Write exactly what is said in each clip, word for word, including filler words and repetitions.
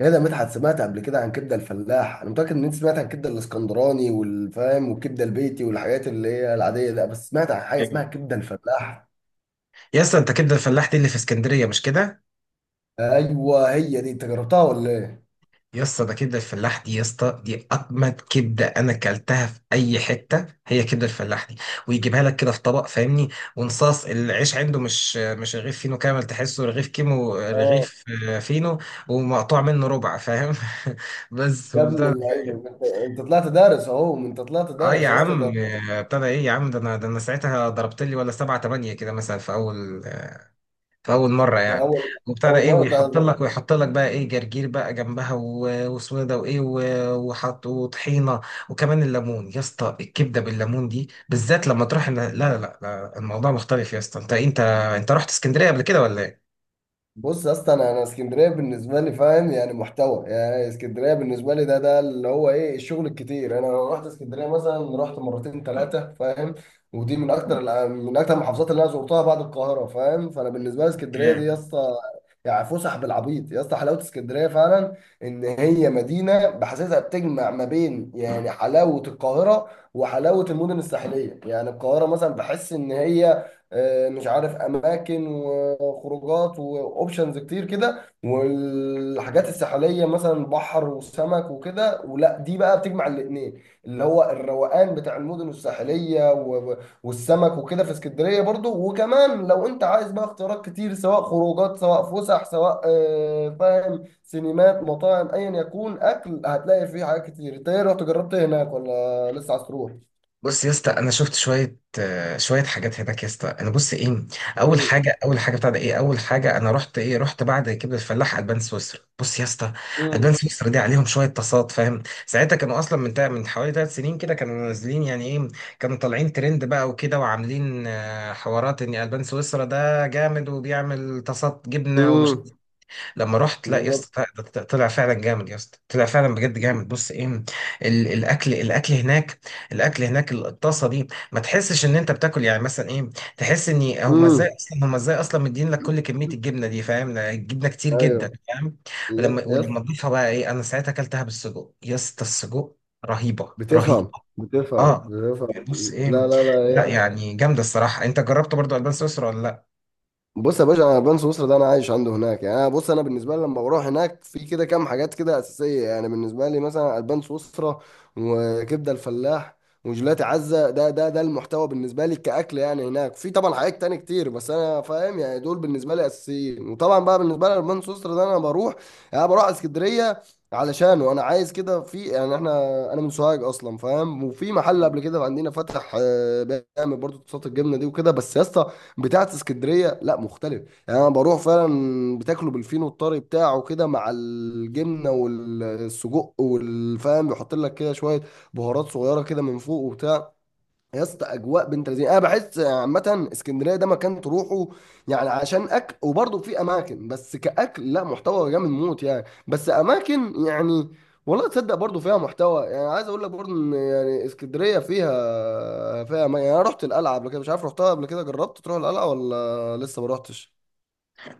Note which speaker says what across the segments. Speaker 1: يا ده مدحت، سمعت قبل كده عن كبده الفلاح؟ انا متاكد ان انت سمعت عن الكبده الاسكندراني والفام والكبده البيتي والحاجات اللي هي العاديه ده، بس سمعت عن حاجه
Speaker 2: يا
Speaker 1: اسمها كبده الفلاح؟
Speaker 2: اسطى، انت كبده الفلاح دي اللي في اسكندريه، مش كده؟
Speaker 1: ايوه هي دي، انت جربتها ولا ايه؟
Speaker 2: يا اسطى ده كبده الفلاح دي، يا اسطى دي اجمد كبده انا اكلتها في اي حته. هي كبده الفلاح دي ويجيبها لك كده في طبق، فاهمني؟ ونصاص العيش عنده مش مش رغيف فينو كامل، تحسه رغيف كيمو،
Speaker 1: اه،
Speaker 2: رغيف آه، فينو، ومقطوع منه ربع، فاهم؟ بس
Speaker 1: يا ابن
Speaker 2: وبتاع.
Speaker 1: اللعيبه، انت أنت طلعت دارس، اهو انت طلعت
Speaker 2: اه يا
Speaker 1: دارس يا اسطى ده.
Speaker 2: عم، آه، ابتدى ايه يا عم؟ ده انا، ده انا ساعتها ضربت لي ولا سبعة تمانية كده، مثلا في اول في اول مره
Speaker 1: في
Speaker 2: يعني.
Speaker 1: اول
Speaker 2: وابتدى
Speaker 1: اول
Speaker 2: ايه،
Speaker 1: مره
Speaker 2: ويحط
Speaker 1: ده.
Speaker 2: لك ويحط لك بقى ايه؟ جرجير بقى جنبها، و- واسمه ده، وايه، و- وحط وطحينه، وكمان الليمون. يا اسطى الكبده بالليمون دي بالذات لما تروح إن- لا لا لا، الموضوع مختلف يا اسطى. انت انت انت رحت اسكندريه قبل كده ولا
Speaker 1: بص يا اسطى، انا انا اسكندريه بالنسبه لي، فاهم؟ يعني محتوى، يعني اسكندريه بالنسبه لي ده ده اللي هو ايه، الشغل الكتير، انا لو رحت اسكندريه مثلا، رحت مرتين ثلاثه، فاهم؟ ودي من اكتر الأ- من اكتر المحافظات اللي انا زرتها بعد القاهره، فاهم؟ فانا بالنسبه لي اسكندريه دي
Speaker 2: ايه؟
Speaker 1: يا اسطى، يعني فسح بالعبيط يا اسطى، حلاوه اسكندريه فعلا. ان هي مدينه بحسسها بتجمع ما بين، يعني، حلاوه القاهره وحلاوه المدن الساحليه. يعني القاهره مثلا بحس ان هي آه، مش عارف، اماكن وخروجات واوبشنز كتير كده، والحاجات الساحليه مثلا بحر وسمك وكده. ولا دي بقى بتجمع الاثنين، اللي هو الروقان بتاع المدن الساحليه و- و- والسمك وكده في اسكندريه برضو. وكمان لو انت عايز بقى اختيارات كتير، سواء خروجات، سواء فسح، سواء آه، فاهم، سينمات، مطاعم، ايا يكون اكل، هتلاقي فيه حاجات كتير. انت ايه، رحت جربت إيه هناك ولا لسه عايز تروح؟
Speaker 2: بص يا اسطى، انا شفت شويه آه، شويه حاجات هناك يا اسطى. انا بص ايه، اول مم. حاجه، اول حاجه بتاع ده ايه، اول حاجه انا رحت ايه، رحت بعد كبده الفلاح البان سويسرا. بص يا اسطى، البان
Speaker 1: امم.
Speaker 2: سويسرا دي عليهم شويه تصاعد، فاهم؟ ساعتها كانوا اصلا من تا- من حوالي ثلاث سنين كده، كانوا نازلين يعني ايه، كانوا طالعين ترند بقى وكده، وعاملين آه، حوارات ان البان سويسرا ده جامد وبيعمل تصاعد جبنه ومش...
Speaker 1: امم.
Speaker 2: لما رحت، لا يا
Speaker 1: بالظبط.
Speaker 2: اسطى، ط- ط- طلع فعلا جامد يا اسطى، طلع فعلا بجد جامد. بص ايه، ال- الاكل الاكل هناك، الاكل هناك الطاسه دي ما تحسش ان انت بتاكل يعني مثلا ايه. تحس ان هم ازاي
Speaker 1: امم.
Speaker 2: اصلا، هم ازاي اصلا مدين لك كل كميه الجبنه دي، فاهم؟ الجبنه كتير جدا،
Speaker 1: ايوه.
Speaker 2: فاهم؟
Speaker 1: يس،
Speaker 2: ولما
Speaker 1: يس.
Speaker 2: ولما تضيفها بقى ايه، انا ساعتها اكلتها بالسجق يا اسطى. السجق رهيبه رهيبه.
Speaker 1: بتفهم، بتفهم،
Speaker 2: اه، بص
Speaker 1: بتفهم. لا،
Speaker 2: ايه.
Speaker 1: لا،
Speaker 2: لا
Speaker 1: لا.
Speaker 2: يعني جامده الصراحه. انت جربت برضو البان سويسرا ولا لا؟
Speaker 1: بص يا باشا، انا بني سويسرا ده انا عايش عنده هناك، يعني انا، بص، انا بالنسبه لي لما بروح هناك في كده كام حاجات كده اساسيه، يعني بالنسبه لي مثلا البان سويسرا، وكبده الفلاح، وجيلاتي عزه. ده ده ده المحتوى بالنسبه لي كاكل، يعني هناك في طبعا حاجات تاني كتير بس انا، فاهم يعني، دول بالنسبه لي اساسيين. وطبعا بقى بالنسبه لي البان سويسرا ده انا بروح، يعني بروح اسكندريه علشان، وانا عايز كده في، يعني احنا، انا من سوهاج اصلا فاهم، وفي محل قبل كده عندنا فتح آه، بيعمل برضه صوصات الجبنه دي وكده، بس يا اسطى بتاعت اسكندريه لا مختلف. يعني انا بروح فعلا بتاكله بالفينو الطري بتاعه كده، مع الجبنه والسجق والفام، بيحط لك كده شويه بهارات صغيره كده من فوق وبتاع. يا اسطى اجواء بنت لذينه. انا بحس عامه اسكندريه ده مكان تروحه يعني عشان اكل، وبرضه في اماكن بس كاكل لا، محتوى جامد موت، يعني بس اماكن يعني. والله تصدق برضه فيها محتوى، يعني عايز اقول لك برضه ان يعني اسكندريه فيها فيها أماكن. يعني انا رحت القلعه قبل كده، مش عارف رحتها قبل كده، جربت تروح القلعه ولا لسه ما رحتش؟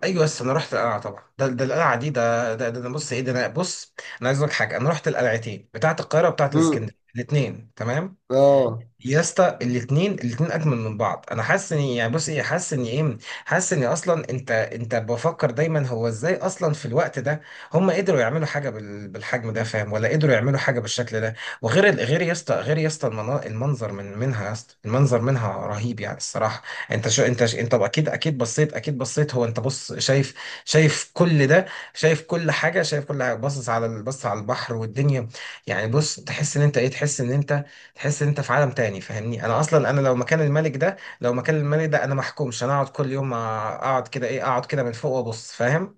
Speaker 2: ايوه، بس انا رحت القلعه طبعا. ده ده القلعه دي، ده ده, ده, ده بص ايه، ده انا بص. انا عايز اقول لك حاجه، انا رحت القلعتين بتاعه القاهره وبتاعه
Speaker 1: امم.
Speaker 2: الاسكندريه الاثنين، تمام؟
Speaker 1: اه.
Speaker 2: يا اسطى الاثنين، الاثنين اجمل من بعض. انا حاسس ان يعني، بص ايه، حاسس ان ايه، حاسس ان اصلا، انت انت بفكر دايما هو ازاي اصلا في الوقت ده هم قدروا يعملوا حاجه بال- بالحجم ده، فاهم؟ ولا قدروا يعملوا حاجه بالشكل ده. وغير ال- غير يا اسطى، غير يا اسطى المنا- المنظر من منها، يا اسطى المنظر منها رهيب يعني الصراحه. انت شو انت ش- انت اكيد، اكيد بصيت، اكيد بصيت، هو انت بص، شايف؟ شايف كل ده، شايف كل حاجه، شايف كل حاجه، باصص على ال- بص على البحر والدنيا. يعني بص، تحس ان انت ايه، تحس ان انت، تحس ان انت في عالم تاني، فاهمني؟ انا اصلا، انا لو مكان الملك ده، لو مكان الملك ده، انا محكومش، انا اقعد كل يوم، اقعد كده ايه، اقعد كده من فوق وابص، فاهم؟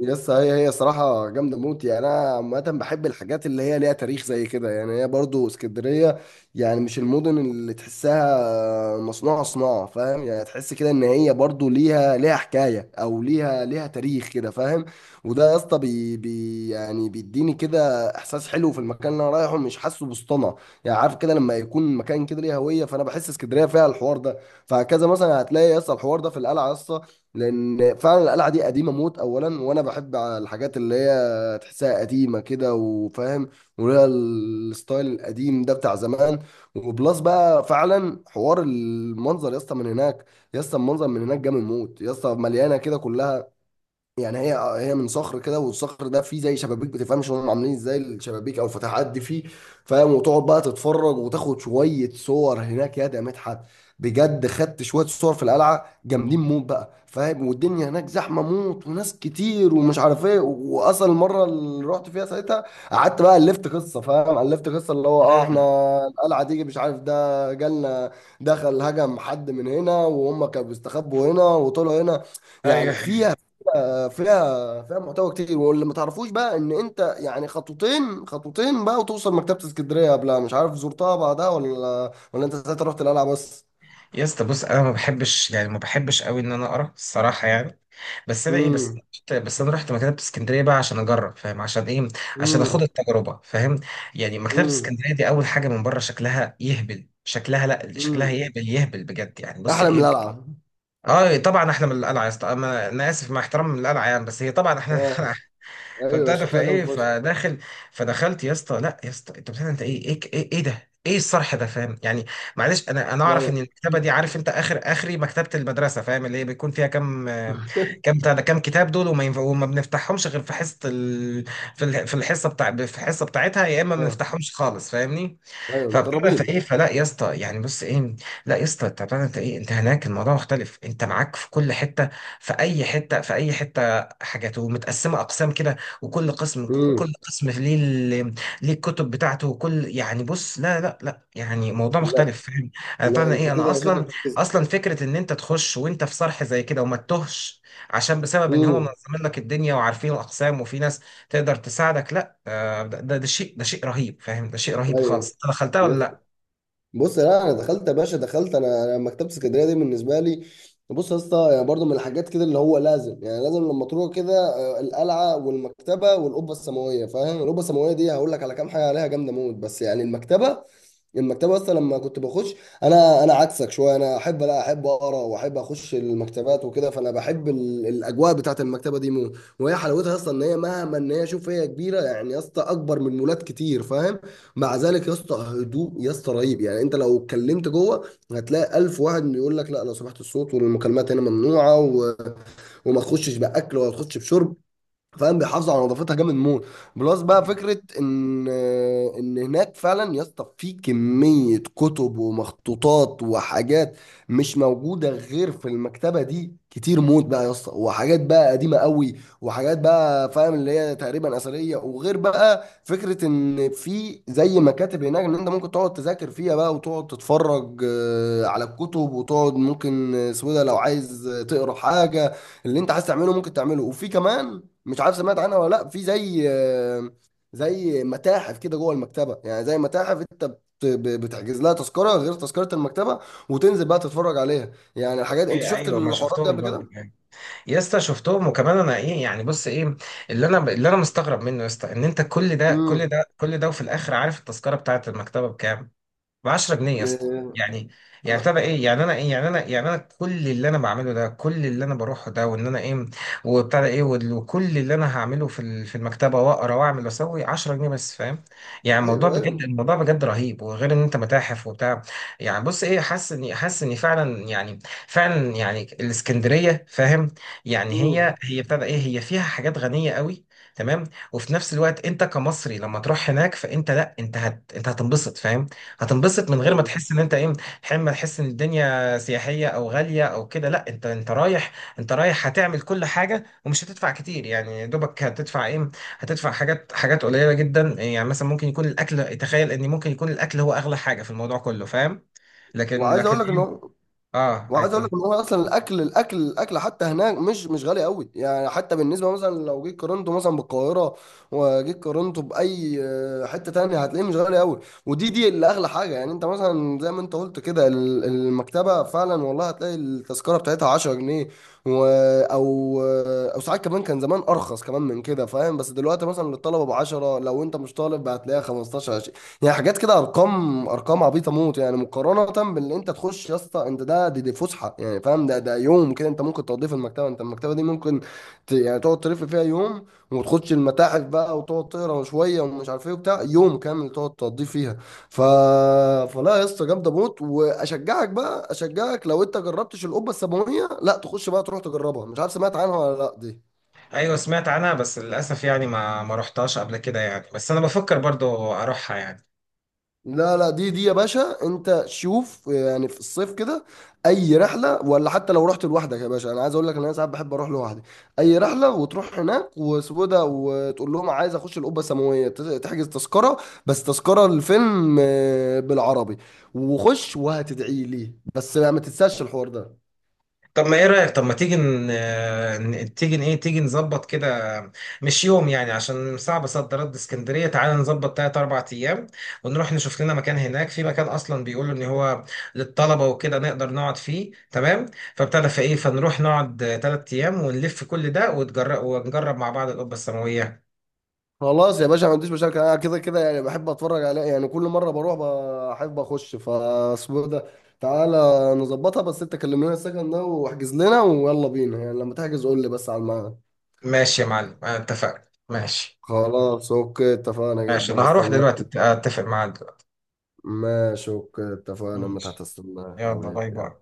Speaker 1: يس، هي هي صراحة جامدة موت. يعني أنا عامة بحب الحاجات اللي هي ليها تاريخ زي كده. يعني هي برضو اسكندرية، يعني مش المدن اللي تحسها مصنوعة صناعة، فاهم؟ يعني تحس كده إن هي برضو ليها ليها حكاية، أو ليها ليها تاريخ كده، فاهم؟ وده يا اسطى بي بي يعني بيديني كده إحساس حلو في المكان اللي أنا رايحه، مش حاسه بسطنة. يعني عارف كده لما يكون مكان كده ليه هوية، فأنا بحس اسكندرية فيها الحوار ده. فهكذا مثلا هتلاقي يا اسطى الحوار ده في القلعة يا اسطى، لان فعلا القلعه دي قديمه موت اولا، وانا بحب على الحاجات اللي هي تحسها قديمه كده وفاهم، وليها الستايل القديم ده بتاع زمان. وبلس بقى فعلا حوار المنظر يا اسطى من هناك. يا اسطى المنظر من هناك جامد موت. يا اسطى مليانه كده كلها، يعني هي هي من صخر كده، والصخر ده فيه زي شبابيك، بتفهمش هم عاملين إيه، ازاي الشبابيك او الفتحات دي فيه، فاهم؟ وتقعد بقى تتفرج وتاخد شويه صور هناك. يا ده مدحت، بجد خدت شويه صور في القلعه جامدين موت بقى، فاهم؟ والدنيا هناك زحمه موت وناس كتير ومش عارف ايه، واصل المره اللي رحت فيها ساعتها قعدت بقى الفت قصه، فاهم؟ الفت قصه اللي هو، اه، احنا القلعه دي مش عارف ده جالنا، دخل هجم حد من هنا، وهم كانوا بيستخبوا هنا وطلعوا هنا،
Speaker 2: ايوه
Speaker 1: يعني. في فيها فيها محتوى كتير. واللي ما تعرفوش بقى ان انت يعني خطوتين خطوتين بقى وتوصل مكتبة اسكندرية قبلها، مش عارف زرتها بعدها ولا ولا انت ساعتها رحت القلعة بس؟
Speaker 2: يا اسطى، بص، انا ما بحبش يعني، ما بحبش قوي ان انا اقرا الصراحه يعني. بس انا ايه، بس،
Speaker 1: امم.
Speaker 2: بس انا رحت مكتبه اسكندريه بقى عشان اجرب، فاهم؟ عشان ايه، عشان اخد
Speaker 1: امم.
Speaker 2: التجربه، فاهم؟ يعني مكتبه
Speaker 1: امم.
Speaker 2: اسكندريه دي، اول حاجه من بره شكلها يهبل، شكلها لا، شكلها
Speaker 1: امم.
Speaker 2: يهبل يهبل بجد يعني. بص
Speaker 1: احلى من
Speaker 2: ايه،
Speaker 1: القلعة.
Speaker 2: اه طبعا احنا من القلعه يا اسطى، انا أنا اسف مع احترامي، من القلعه يعني، بس هي طبعا احنا
Speaker 1: اه. ايوه
Speaker 2: فابتدى
Speaker 1: شكلها جامد
Speaker 2: فايه
Speaker 1: فشخ.
Speaker 2: فداخل فدخلت يا اسطى، لا يا اسطى انت بتعمل، انت ايه، ايه ايه, إيه ده، ايه الصرح ده، فاهم يعني؟ معلش انا، انا اعرف
Speaker 1: ايوه
Speaker 2: ان المكتبه دي، عارف انت؟ اخر، اخري مكتبه المدرسه، فاهم اللي هي بيكون فيها كام، آه، كام بتاع ده، كام كتاب دول، وما ينفع وما بنفتحهمش غير في حصه ال... في الح- في الحصه بتاع، في الحصه بتاعتها، يا اما ما
Speaker 1: اه.
Speaker 2: بنفتحهمش خالص، فاهمني؟
Speaker 1: ايوه
Speaker 2: فبتعرف
Speaker 1: مترابين.
Speaker 2: ايه، فلا يا اسطى يعني بص ايه، لا يا اسطى انت بتعرف انت ايه، انت هناك الموضوع مختلف، انت معاك في كل حته، في اي حته، في اي حته حاجات ومتقسمه اقسام كده، وكل قسم، كل
Speaker 1: امم.
Speaker 2: قسم ليه ال- ليه الكتب بتاعته، وكل يعني بص، لا لا لا، يعني موضوع
Speaker 1: لا،
Speaker 2: مختلف، فاهم؟ انا
Speaker 1: لا
Speaker 2: طبعا
Speaker 1: انت
Speaker 2: ايه، انا
Speaker 1: كده شكلك
Speaker 2: اصلا،
Speaker 1: بتكذب.
Speaker 2: اصلا فكره ان انت تخش وانت في صرح زي كده وما تتهش، عشان بسبب ان هم
Speaker 1: امم.
Speaker 2: منظمين لك الدنيا وعارفين الاقسام، وفي ناس تقدر تساعدك. لا آه، ده، ده ده شيء، ده شيء رهيب، فاهم؟ ده شيء رهيب خالص.
Speaker 1: ايوه.
Speaker 2: انت دخلتها ولا
Speaker 1: يا.
Speaker 2: لا؟
Speaker 1: بص، لا انا دخلت يا باشا، دخلت. انا انا مكتبه اسكندريه دي بالنسبه لي، بص يا اسطى، يعني برضه من الحاجات كده اللي هو لازم، يعني لازم لما تروح كده آه، القلعه والمكتبه والقبه السماويه، فاهم؟ القبه السماويه دي هقول لك على كام حاجه عليها جامده موت، بس يعني المكتبه، المكتبه اصلا لما كنت بخش، انا انا عكسك شويه، انا احب، لا احب اقرا واحب اخش المكتبات وكده، فانا بحب ال- الاجواء بتاعت المكتبه دي مو. وهي حلاوتها اصلا ان هي مهما، ان هي شوف، هي كبيره يعني يا اسطى، اكبر من مولات كتير، فاهم؟ مع ذلك يا اسطى هدوء يا اسطى رهيب، يعني انت لو اتكلمت جوه هتلاقي الف واحد يقول لك، لا لو سمحت الصوت والمكالمات هنا ممنوعه، و... وما تخشش باكل ولا تخش بشرب، فاهم؟ بيحافظوا على نظافتها جامد موت. بلس بقى فكره ان، ان هناك فعلا يا اسطى في كميه كتب ومخطوطات وحاجات مش موجوده غير في المكتبه دي، كتير موت بقى يا اسطى، وحاجات بقى قديمه قوي، وحاجات بقى فاهم اللي هي تقريبا اثريه. وغير بقى فكره ان في زي مكاتب هناك ان انت ممكن تقعد تذاكر فيها بقى، وتقعد تتفرج آه، على الكتب، وتقعد ممكن آه، سويدة لو عايز آه، تقرا حاجه، اللي انت عايز تعمله ممكن تعمله. وفي كمان، مش عارف سمعت عنها ولا لا، في زي، زي متاحف كده جوه المكتبه، يعني زي متاحف انت بت- بتحجز لها تذكره غير تذكره المكتبه، وتنزل بقى تتفرج عليها، يعني الحاجات. انت
Speaker 2: اوكي
Speaker 1: شفت
Speaker 2: ايوه، ما
Speaker 1: الحوارات دي
Speaker 2: شفتهم
Speaker 1: قبل كده؟
Speaker 2: برضه يعني. يا اسطى شفتهم، وكمان انا ايه يعني، بص ايه، اللي انا اللي انا مستغرب منه يا اسطى، ان انت كل ده كل
Speaker 1: امم.
Speaker 2: ده كل ده، وفي الاخر عارف التذكره بتاعت المكتبه بكام؟ ب عشرة جنيه يا اسطى. يعني، يعني بتبقى ايه يعني، انا ايه يعني، انا يعني انا كل اللي انا بعمله ده، كل اللي انا بروحه ده، وان انا ايه، وبتاع ده ايه، وال- وكل اللي انا هعمله في ال- في المكتبه واقرا واعمل واسوي عشرة جنيه بس، فاهم؟ يعني الموضوع
Speaker 1: ايوه،
Speaker 2: بجد،
Speaker 1: ايوه.
Speaker 2: الموضوع بجد رهيب، وغير ان انت متاحف وبتاع. يعني بص ايه، حاسس اني، حاسس اني فعلا يعني، فعلا يعني الاسكندريه، فاهم؟ يعني هي
Speaker 1: امم.
Speaker 2: هي بتاع ده ايه، هي فيها حاجات غنيه قوي، تمام؟ وفي نفس الوقت انت كمصري لما تروح هناك، فانت لا، انت هت انت هتنبسط، فاهم؟ هتنبسط من غير ما
Speaker 1: ايوه.
Speaker 2: تحس ان انت ايه، حين ما تحس ان الدنيا سياحيه او غاليه او كده، لا انت انت رايح، انت رايح هتعمل كل حاجه ومش هتدفع كتير يعني، يا دوبك هتدفع ايه، هتدفع حاجات حاجات قليله جدا يعني. مثلا ممكن يكون الاكل، تخيل ان ممكن يكون الاكل هو اغلى حاجه في الموضوع كله، فاهم؟ لكن
Speaker 1: وعايز
Speaker 2: لكن
Speaker 1: اقول لك ان
Speaker 2: ايه.
Speaker 1: هو
Speaker 2: اه عايز
Speaker 1: وعايز
Speaker 2: تقول
Speaker 1: اقول لك ان
Speaker 2: إيه؟
Speaker 1: هو اصلا الاكل، الاكل الاكل حتى هناك مش مش غالي قوي، يعني حتى بالنسبه مثلا لو جيت قارنته مثلا بالقاهره، وجيت قارنته باي آه، حته تانية، هتلاقيه مش غالي قوي. ودي دي اللي اغلى حاجه، يعني انت مثلا زي ما انت قلت كده، ال- المكتبه فعلا والله هتلاقي التذكره بتاعتها عشر جنيه، و، او، او ساعات كمان كان زمان ارخص كمان من كده، فاهم؟ بس دلوقتي مثلا للطلبه ب عشرة، لو انت مش طالب هتلاقيها خمستاشر. يعني حاجات كده ارقام، ارقام عبيطه موت، يعني مقارنه باللي انت تخش يا اسطى. انت ده دي, دي فسحه يعني، فاهم؟ ده ده يوم كده انت ممكن تقضيه في المكتبه، انت المكتبه دي ممكن ت... يعني تقعد تلف فيها يوم، وتخش المتاحف بقى، وتقعد تقرا شويه ومش عارف ايه وبتاع، يوم كامل تقعد تقضيه فيها. ف... فلا يا اسطى جامده موت. واشجعك بقى، اشجعك لو انت جربتش القبه السماويه، لا تخش بقى تروح تجربها، مش عارف سمعت عنها ولا لا دي.
Speaker 2: ايوه سمعت عنها بس للاسف يعني، ما ما رحتهاش قبل كده يعني، بس انا بفكر برضو اروحها يعني.
Speaker 1: لا لا، دي دي يا باشا انت شوف يعني في الصيف كده اي رحله، ولا حتى لو رحت لوحدك يا باشا، انا عايز اقول لك ان انا ساعات بحب اروح لوحدي. اي رحله، وتروح هناك وسوده وتقول لهم عايز اخش القبه السماويه، ت- تحجز تذكره، بس تذكره الفيلم آه، بالعربي، وخش وهتدعي لي. بس ما تنساش الحوار ده.
Speaker 2: طب ما ايه رأيك، طب ما تيجي ن... آه، ن- تيجي ن- ايه، تيجي نظبط كده، مش يوم يعني، عشان صعب صد رد اسكندرية. تعالى نظبط تلات أربع أيام، ونروح نشوف لنا مكان هناك، في مكان أصلا بيقولوا إن هو للطلبة وكده نقدر نقعد فيه، تمام؟ فابتدى في ايه، فنروح نقعد تلات أيام، ونلف كل ده، وتجرب ونجرب مع بعض القبة السماوية.
Speaker 1: خلاص يا باشا ما عنديش مشاكل، انا كده كده يعني بحب اتفرج عليه يعني كل مره بروح، بحب اخش فاسمه ده. تعالى نظبطها، بس انت كلم لنا السكن ده واحجز لنا ويلا بينا، يعني لما تحجز قول لي بس على الميعاد.
Speaker 2: ماشي يا معلم، أنا اتفقنا. ماشي،
Speaker 1: خلاص، اوكي، اتفقنا
Speaker 2: ماشي أنا
Speaker 1: جدا،
Speaker 2: هروح
Speaker 1: هستناك.
Speaker 2: دلوقتي، أت- أتفق معاك دلوقتي.
Speaker 1: ماشي اوكي اتفقنا، ما تحت
Speaker 2: ماشي،
Speaker 1: استناك
Speaker 2: يلا
Speaker 1: حبيبي،
Speaker 2: باي
Speaker 1: يلا.
Speaker 2: باي.